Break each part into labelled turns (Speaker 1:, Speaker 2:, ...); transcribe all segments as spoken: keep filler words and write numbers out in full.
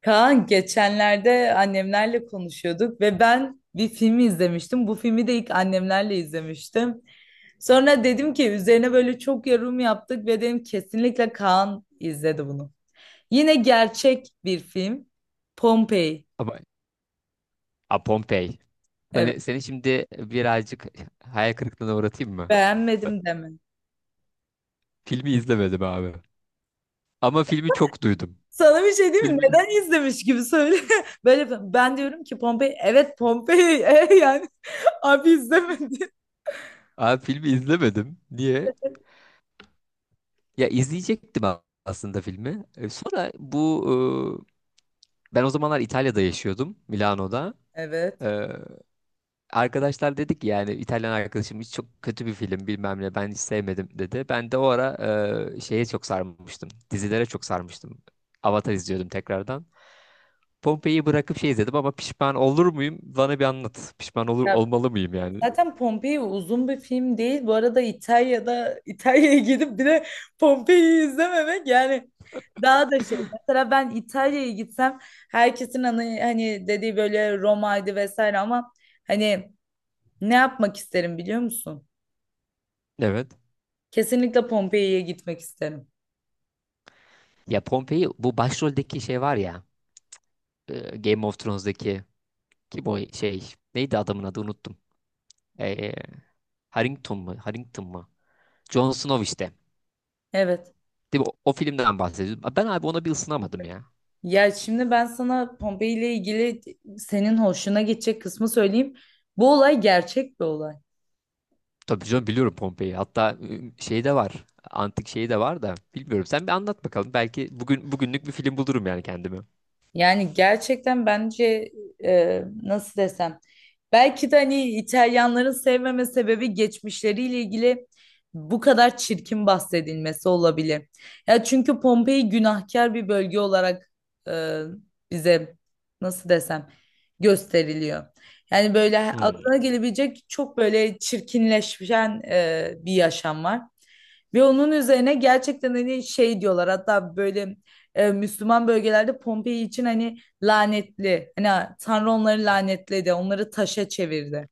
Speaker 1: Kaan geçenlerde annemlerle konuşuyorduk ve ben bir filmi izlemiştim. Bu filmi de ilk annemlerle izlemiştim. Sonra dedim ki üzerine böyle çok yorum yaptık ve dedim kesinlikle Kaan izledi bunu. Yine gerçek bir film. Pompei.
Speaker 2: Ama a, Pompei.
Speaker 1: Evet.
Speaker 2: Seni, seni şimdi birazcık hayal kırıklığına uğratayım mı?
Speaker 1: Beğenmedim deme.
Speaker 2: Filmi izlemedim abi. Ama filmi çok duydum.
Speaker 1: Sana bir şey diyeyim mi?
Speaker 2: Filmi,
Speaker 1: Neden izlemiş gibi söyle. Böyle ben diyorum ki Pompei. Evet Pompei. E yani abi izlemedi.
Speaker 2: abi filmi izlemedim. Niye? Ya izleyecektim a- aslında filmi. E, Sonra bu e, ben o zamanlar İtalya'da yaşıyordum, Milano'da.
Speaker 1: Evet.
Speaker 2: E, arkadaşlar dedik yani İtalyan arkadaşım hiç çok kötü bir film bilmem ne ben hiç sevmedim dedi. Ben de o ara e, şeye çok sarmıştım. Dizilere çok sarmıştım. Avatar izliyordum tekrardan. Pompei'yi bırakıp şey izledim ama pişman olur muyum? Bana bir anlat. Pişman olur olmalı mıyım yani?
Speaker 1: Zaten Pompei uzun bir film değil. Bu arada İtalya'da İtalya'ya gidip bir de Pompei'yi izlememek yani daha da şey. Mesela ben İtalya'ya gitsem herkesin hani, hani dediği böyle Roma'ydı vesaire ama hani ne yapmak isterim biliyor musun?
Speaker 2: Evet.
Speaker 1: Kesinlikle Pompei'ye gitmek isterim.
Speaker 2: Ya Pompei bu başroldeki şey var ya e, Game of Thrones'daki kim o şey neydi adamın adı unuttum. E, Harrington mu? Harrington mu? Jon Snow işte.
Speaker 1: Evet.
Speaker 2: Değil mi? O, o filmden bahsediyorum. Ben abi ona bir ısınamadım ya.
Speaker 1: Ya şimdi ben sana Pompei ile ilgili senin hoşuna gidecek kısmı söyleyeyim. Bu olay gerçek bir olay.
Speaker 2: Tabii canım biliyorum Pompei'yi. Hatta e, şey de var. Antik şey de var da bilmiyorum. Sen bir anlat bakalım. Belki bugün bugünlük bir film bulurum yani kendime.
Speaker 1: Yani gerçekten bence e, nasıl desem belki de hani İtalyanların sevmeme sebebi geçmişleriyle ilgili bu kadar çirkin bahsedilmesi olabilir. Ya çünkü Pompei günahkar bir bölge olarak e, bize nasıl desem gösteriliyor. Yani böyle aklına
Speaker 2: Hmm.
Speaker 1: gelebilecek çok böyle çirkinleşen e, bir yaşam var. Ve onun üzerine gerçekten hani şey diyorlar hatta böyle e, Müslüman bölgelerde Pompei için hani lanetli. Hani Tanrı onları lanetledi, onları taşa çevirdi.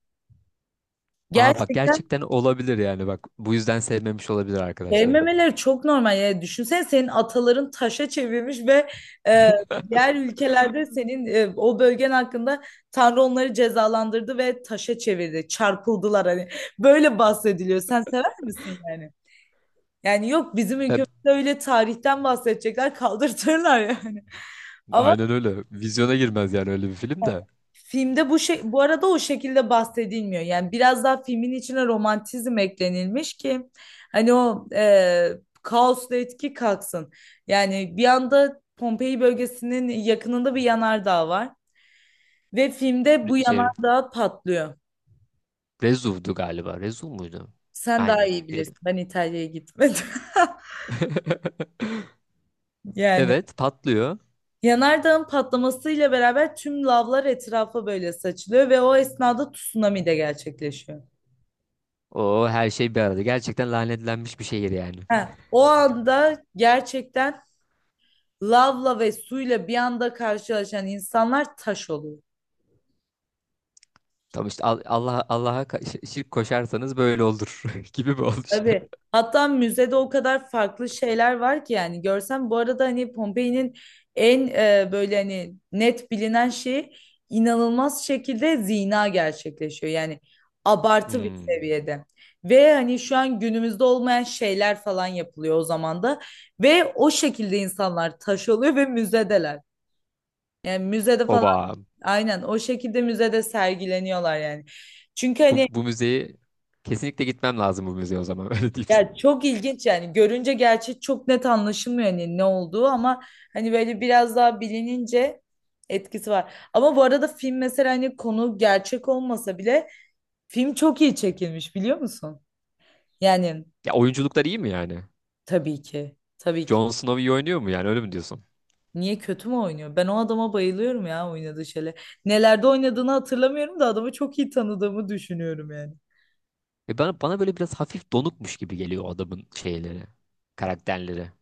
Speaker 2: Aa bak
Speaker 1: Gerçekten
Speaker 2: gerçekten olabilir yani bak bu yüzden sevmemiş olabilir arkadaşlarım.
Speaker 1: sevmemeleri çok normal. Yani düşünsene senin ataların taşa çevirmiş ve e, diğer ülkelerde senin e, o bölgen hakkında Tanrı onları cezalandırdı ve taşa çevirdi. Çarpıldılar hani. Böyle bahsediliyor. Sen sever misin yani? Yani yok bizim ülkemizde
Speaker 2: Hep
Speaker 1: öyle tarihten bahsedecekler kaldırtırlar yani. Ama
Speaker 2: aynen öyle. Vizyona girmez yani öyle bir film de.
Speaker 1: filmde bu şey bu arada o şekilde bahsedilmiyor. Yani biraz daha filmin içine romantizm eklenilmiş ki hani o e, kaosla etki kalksın. Yani bir anda Pompei bölgesinin yakınında bir yanardağ var ve filmde
Speaker 2: Re-
Speaker 1: bu
Speaker 2: Şey
Speaker 1: yanardağ patlıyor.
Speaker 2: Rezuv'du galiba. Rezuv muydu?
Speaker 1: Sen daha
Speaker 2: Aynen.
Speaker 1: iyi
Speaker 2: Ya da-
Speaker 1: bilirsin. Ben İtalya'ya gitmedim. Yani
Speaker 2: Evet patlıyor.
Speaker 1: yanardağın patlamasıyla beraber tüm lavlar etrafa böyle saçılıyor ve o esnada tsunami de gerçekleşiyor.
Speaker 2: O her şey bir arada. Gerçekten lanetlenmiş bir şehir yani.
Speaker 1: Ha, o anda gerçekten lavla ve suyla bir anda karşılaşan insanlar taş oluyor.
Speaker 2: Tam işte Al- Allah Allah'a ka- şi- şirk koşarsanız böyle olur gibi bir oluş.
Speaker 1: Tabii. Hatta müzede o kadar farklı şeyler var ki yani görsem bu arada hani Pompei'nin en e, böyle hani net bilinen şeyi inanılmaz şekilde zina gerçekleşiyor. Yani abartı bir
Speaker 2: Hmm.
Speaker 1: seviyede. Ve hani şu an günümüzde olmayan şeyler falan yapılıyor o zaman da ve o şekilde insanlar taş oluyor ve müzedeler. Yani müzede falan
Speaker 2: Oba.
Speaker 1: aynen o şekilde müzede sergileniyorlar yani. Çünkü
Speaker 2: Bu,
Speaker 1: hani
Speaker 2: bu müzeyi kesinlikle gitmem lazım bu müzeye o zaman öyle diyeyim size.
Speaker 1: ya çok ilginç yani görünce gerçi çok net anlaşılmıyor hani ne olduğu ama hani böyle biraz daha bilinince etkisi var. Ama bu arada film mesela hani konu gerçek olmasa bile film çok iyi çekilmiş biliyor musun? Yani
Speaker 2: Ya oyunculuklar iyi mi yani?
Speaker 1: tabii ki tabii ki.
Speaker 2: Jon Snow iyi oynuyor mu yani öyle mi diyorsun?
Speaker 1: Niye kötü mü oynuyor? Ben o adama bayılıyorum ya oynadığı şeyle. Nelerde oynadığını hatırlamıyorum da adamı çok iyi tanıdığımı düşünüyorum yani.
Speaker 2: E bana, bana böyle biraz hafif donukmuş gibi geliyor o adamın şeyleri, karakterleri.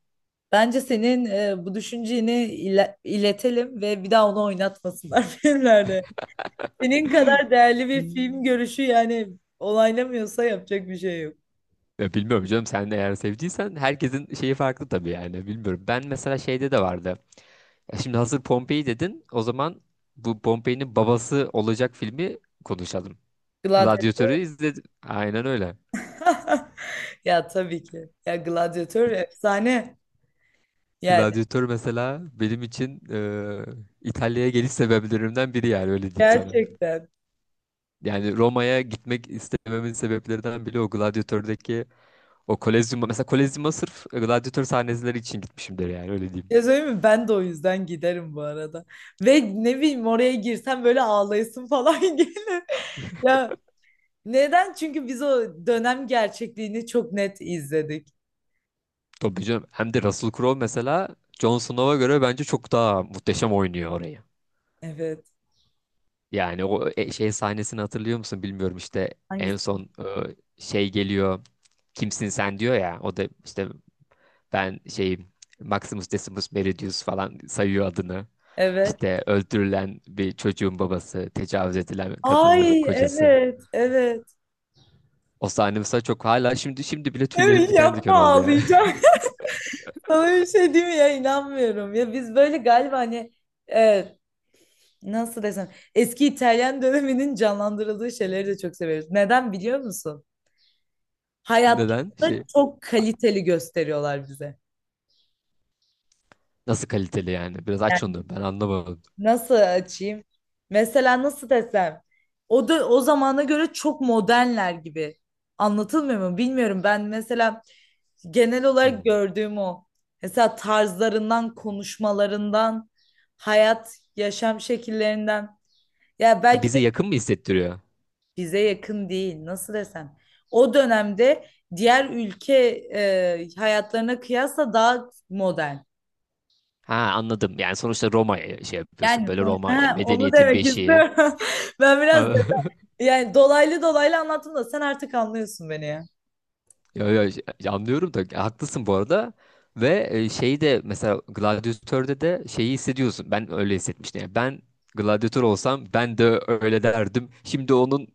Speaker 1: Bence senin e, bu düşünceni ile- iletelim ve bir daha onu oynatmasınlar filmlerde. Senin kadar değerli bir
Speaker 2: Hmm.
Speaker 1: film görüşü yani olaylamıyorsa yapacak bir şey yok.
Speaker 2: Ya bilmiyorum canım sen de eğer sevdiysen herkesin şeyi farklı tabii yani bilmiyorum. Ben mesela şeyde de vardı. Ya şimdi hazır Pompei dedin o zaman bu Pompei'nin babası olacak filmi konuşalım.
Speaker 1: Gladyatör.
Speaker 2: Gladiatör'ü izledim. Aynen öyle.
Speaker 1: Ya tabii ki. Ya gladyatör efsane. Yani
Speaker 2: Gladiatör mesela benim için e, İtalya'ya geliş sebeplerimden biri yani öyle diyeyim sana.
Speaker 1: gerçekten.
Speaker 2: Yani Roma'ya gitmek istememin sebeplerinden biri o Gladiator'daki o Kolezyum'a. Mesela Kolezyum'a sırf Gladiator sahneleri için gitmişimdir yani öyle diyeyim.
Speaker 1: Ya söyleyeyim mi? Ben de o yüzden giderim bu arada. Ve ne bileyim oraya girsem böyle ağlayasın falan gelir. Ya neden? Çünkü biz o dönem gerçekliğini çok net izledik.
Speaker 2: Tabii canım. Hem de Russell Crowe mesela Jon Snow'a göre bence çok daha muhteşem oynuyor orayı.
Speaker 1: Evet.
Speaker 2: Yani o e- şey sahnesini hatırlıyor musun bilmiyorum işte en
Speaker 1: Hangisi?
Speaker 2: son e, şey geliyor kimsin sen diyor ya o da işte ben şeyim Maximus Decimus Meridius falan sayıyor adını.
Speaker 1: Evet.
Speaker 2: İşte öldürülen bir çocuğun babası, tecavüz edilen kadının
Speaker 1: Ay
Speaker 2: kocası.
Speaker 1: evet evet.
Speaker 2: O sahne mesela çok hala şimdi şimdi bile tüylerim
Speaker 1: Evet
Speaker 2: diken diken
Speaker 1: yapma
Speaker 2: oldu ya.
Speaker 1: ağlayacağım. Sana bir şey değil mi ya inanmıyorum. Ya biz böyle galiba hani e, nasıl desem eski İtalyan döneminin canlandırıldığı şeyleri de çok severiz. Neden biliyor musun?
Speaker 2: Neden?
Speaker 1: Hayatta
Speaker 2: Şey
Speaker 1: çok kaliteli gösteriyorlar bize.
Speaker 2: nasıl kaliteli yani? Biraz aç
Speaker 1: Yani
Speaker 2: onu ben anlamadım.
Speaker 1: nasıl açayım? Mesela nasıl desem o da o zamana göre çok modernler gibi. Anlatılmıyor mu? Bilmiyorum. Ben mesela genel olarak
Speaker 2: Hmm.
Speaker 1: gördüğüm o. Mesela tarzlarından, konuşmalarından, hayat, yaşam şekillerinden. Ya
Speaker 2: Ha,
Speaker 1: belki de
Speaker 2: bize yakın mı hissettiriyor?
Speaker 1: bize yakın değil, nasıl desem. O dönemde diğer ülke e, hayatlarına kıyasla daha modern.
Speaker 2: Ha anladım. Yani sonuçta Roma'ya şey yapıyorsun.
Speaker 1: Yani
Speaker 2: Böyle
Speaker 1: sonuçta,
Speaker 2: Roma yani
Speaker 1: ha, onu
Speaker 2: medeniyetin
Speaker 1: demek
Speaker 2: beşiği.
Speaker 1: istiyorum. Ben biraz yani dolaylı dolaylı anlattım da sen artık anlıyorsun beni ya.
Speaker 2: Ya, ya, ya anlıyorum da ya haklısın bu arada. Ve e, şeyi de mesela Gladiator'da da şeyi hissediyorsun. Ben öyle hissetmiştim. Yani ben Gladiator olsam ben de öyle derdim. Şimdi onun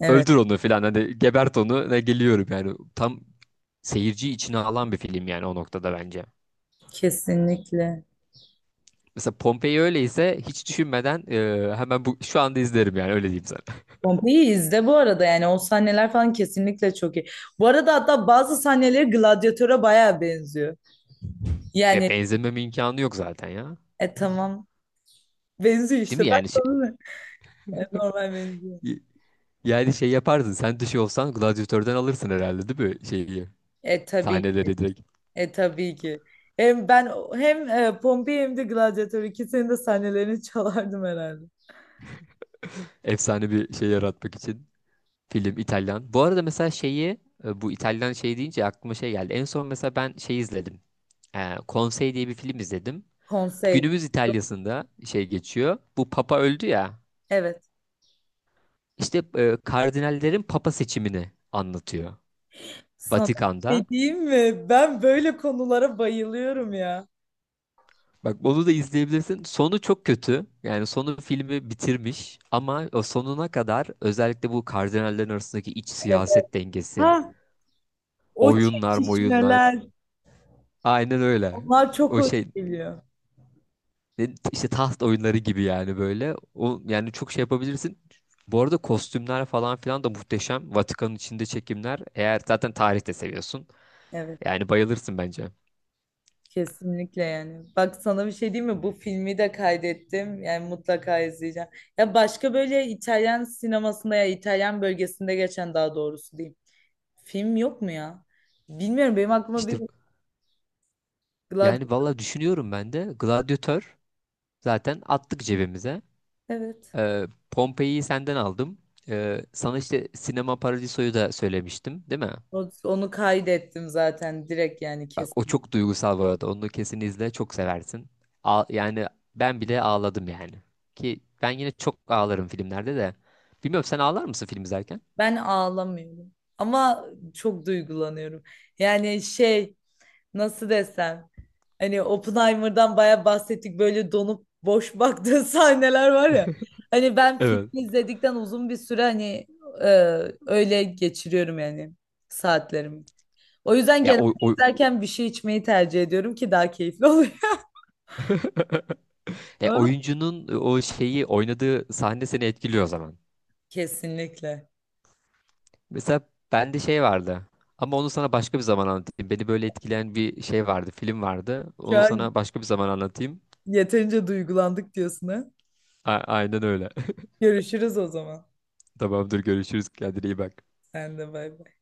Speaker 1: Evet,
Speaker 2: öldür onu falan hani gebert onu ne geliyorum yani. Tam seyirci içine alan bir film yani o noktada bence.
Speaker 1: kesinlikle.
Speaker 2: Mesela Pompei öyleyse hiç düşünmeden e, hemen bu şu anda izlerim yani öyle diyeyim sana.
Speaker 1: Pompei'yi izle bu arada yani o sahneler falan kesinlikle çok iyi. Bu arada hatta bazı sahneleri Gladyatör'e bayağı benziyor.
Speaker 2: Ya
Speaker 1: Yani
Speaker 2: benzememe imkanı yok zaten ya.
Speaker 1: e tamam benziyor
Speaker 2: Değil
Speaker 1: işte
Speaker 2: mi
Speaker 1: ben
Speaker 2: yani şey,
Speaker 1: sana ne? E, normal benziyor.
Speaker 2: yani şey yapardın. Sen dışı olsan gladyatörden alırsın herhalde değil mi? Şeyi,
Speaker 1: E tabii
Speaker 2: sahneleri direkt.
Speaker 1: e tabii ki. Hem ben hem e, Pompei hem de Gladyatör ikisinin de sahnelerini çalardım herhalde.
Speaker 2: Efsane bir şey yaratmak için. Film İtalyan. Bu arada mesela şeyi e, bu İtalyan şey deyince aklıma şey geldi. En son mesela ben şey izledim. E, Konsey diye bir film izledim.
Speaker 1: Konsey
Speaker 2: Günümüz İtalya'sında şey geçiyor. Bu Papa öldü ya.
Speaker 1: evet.
Speaker 2: İşte e, kardinallerin Papa seçimini anlatıyor.
Speaker 1: Sana bir
Speaker 2: Vatikan'da.
Speaker 1: şey diyeyim mi? Ben böyle konulara bayılıyorum ya.
Speaker 2: Bak onu da izleyebilirsin. Sonu çok kötü. Yani sonu filmi bitirmiş ama o sonuna kadar özellikle bu kardinallerin arasındaki iç
Speaker 1: Evet.
Speaker 2: siyaset dengesi,
Speaker 1: Ha, o
Speaker 2: oyunlar, moyunlar.
Speaker 1: çekişmeler,
Speaker 2: Aynen öyle.
Speaker 1: onlar çok
Speaker 2: O
Speaker 1: hoş
Speaker 2: şey
Speaker 1: geliyor.
Speaker 2: ne- işte taht oyunları gibi yani böyle. O yani çok şey yapabilirsin. Bu arada kostümler falan filan da muhteşem. Vatikan'ın içinde çekimler. Eğer zaten tarih de seviyorsun.
Speaker 1: Evet,
Speaker 2: Yani bayılırsın bence.
Speaker 1: kesinlikle yani. Bak sana bir şey diyeyim mi? Bu filmi de kaydettim. Yani mutlaka izleyeceğim. Ya başka böyle İtalyan sinemasında ya İtalyan bölgesinde geçen daha doğrusu diyeyim. Film yok mu ya? Bilmiyorum benim aklıma bir
Speaker 2: İşte
Speaker 1: Glad-
Speaker 2: yani valla düşünüyorum ben de. Gladyatör zaten attık cebimize.
Speaker 1: Evet.
Speaker 2: Ee, Pompei'yi senden aldım. Ee, sana işte Sinema Paradiso'yu da söylemiştim, değil mi?
Speaker 1: O- Onu kaydettim zaten direkt yani
Speaker 2: Bak o
Speaker 1: kesin.
Speaker 2: çok duygusal bu arada. Onu kesin izle, çok seversin. A- yani ben bile ağladım yani. Ki ben yine çok ağlarım filmlerde de. Bilmiyorum sen ağlar mısın film izlerken?
Speaker 1: Ben ağlamıyorum ama çok duygulanıyorum. Yani şey nasıl desem hani Oppenheimer'dan bayağı bahsettik böyle donup boş baktığı sahneler var ya. Hani ben filmi
Speaker 2: Evet.
Speaker 1: izledikten uzun bir süre hani e, öyle geçiriyorum yani saatlerimi. O yüzden
Speaker 2: Ya
Speaker 1: genelde
Speaker 2: o, o-
Speaker 1: izlerken bir şey içmeyi tercih ediyorum ki daha keyifli oluyor.
Speaker 2: ya oyuncunun o şeyi oynadığı sahne seni etkiliyor o zaman.
Speaker 1: Kesinlikle.
Speaker 2: Mesela bende şey vardı. Ama onu sana başka bir zaman anlatayım. Beni böyle etkileyen bir şey vardı, film vardı.
Speaker 1: Şu
Speaker 2: Onu
Speaker 1: an
Speaker 2: sana başka bir zaman anlatayım.
Speaker 1: yeterince duygulandık diyorsun ha.
Speaker 2: A- aynen öyle.
Speaker 1: Görüşürüz o zaman.
Speaker 2: Tamamdır görüşürüz. Kendine iyi bak.
Speaker 1: Sen de bay bay.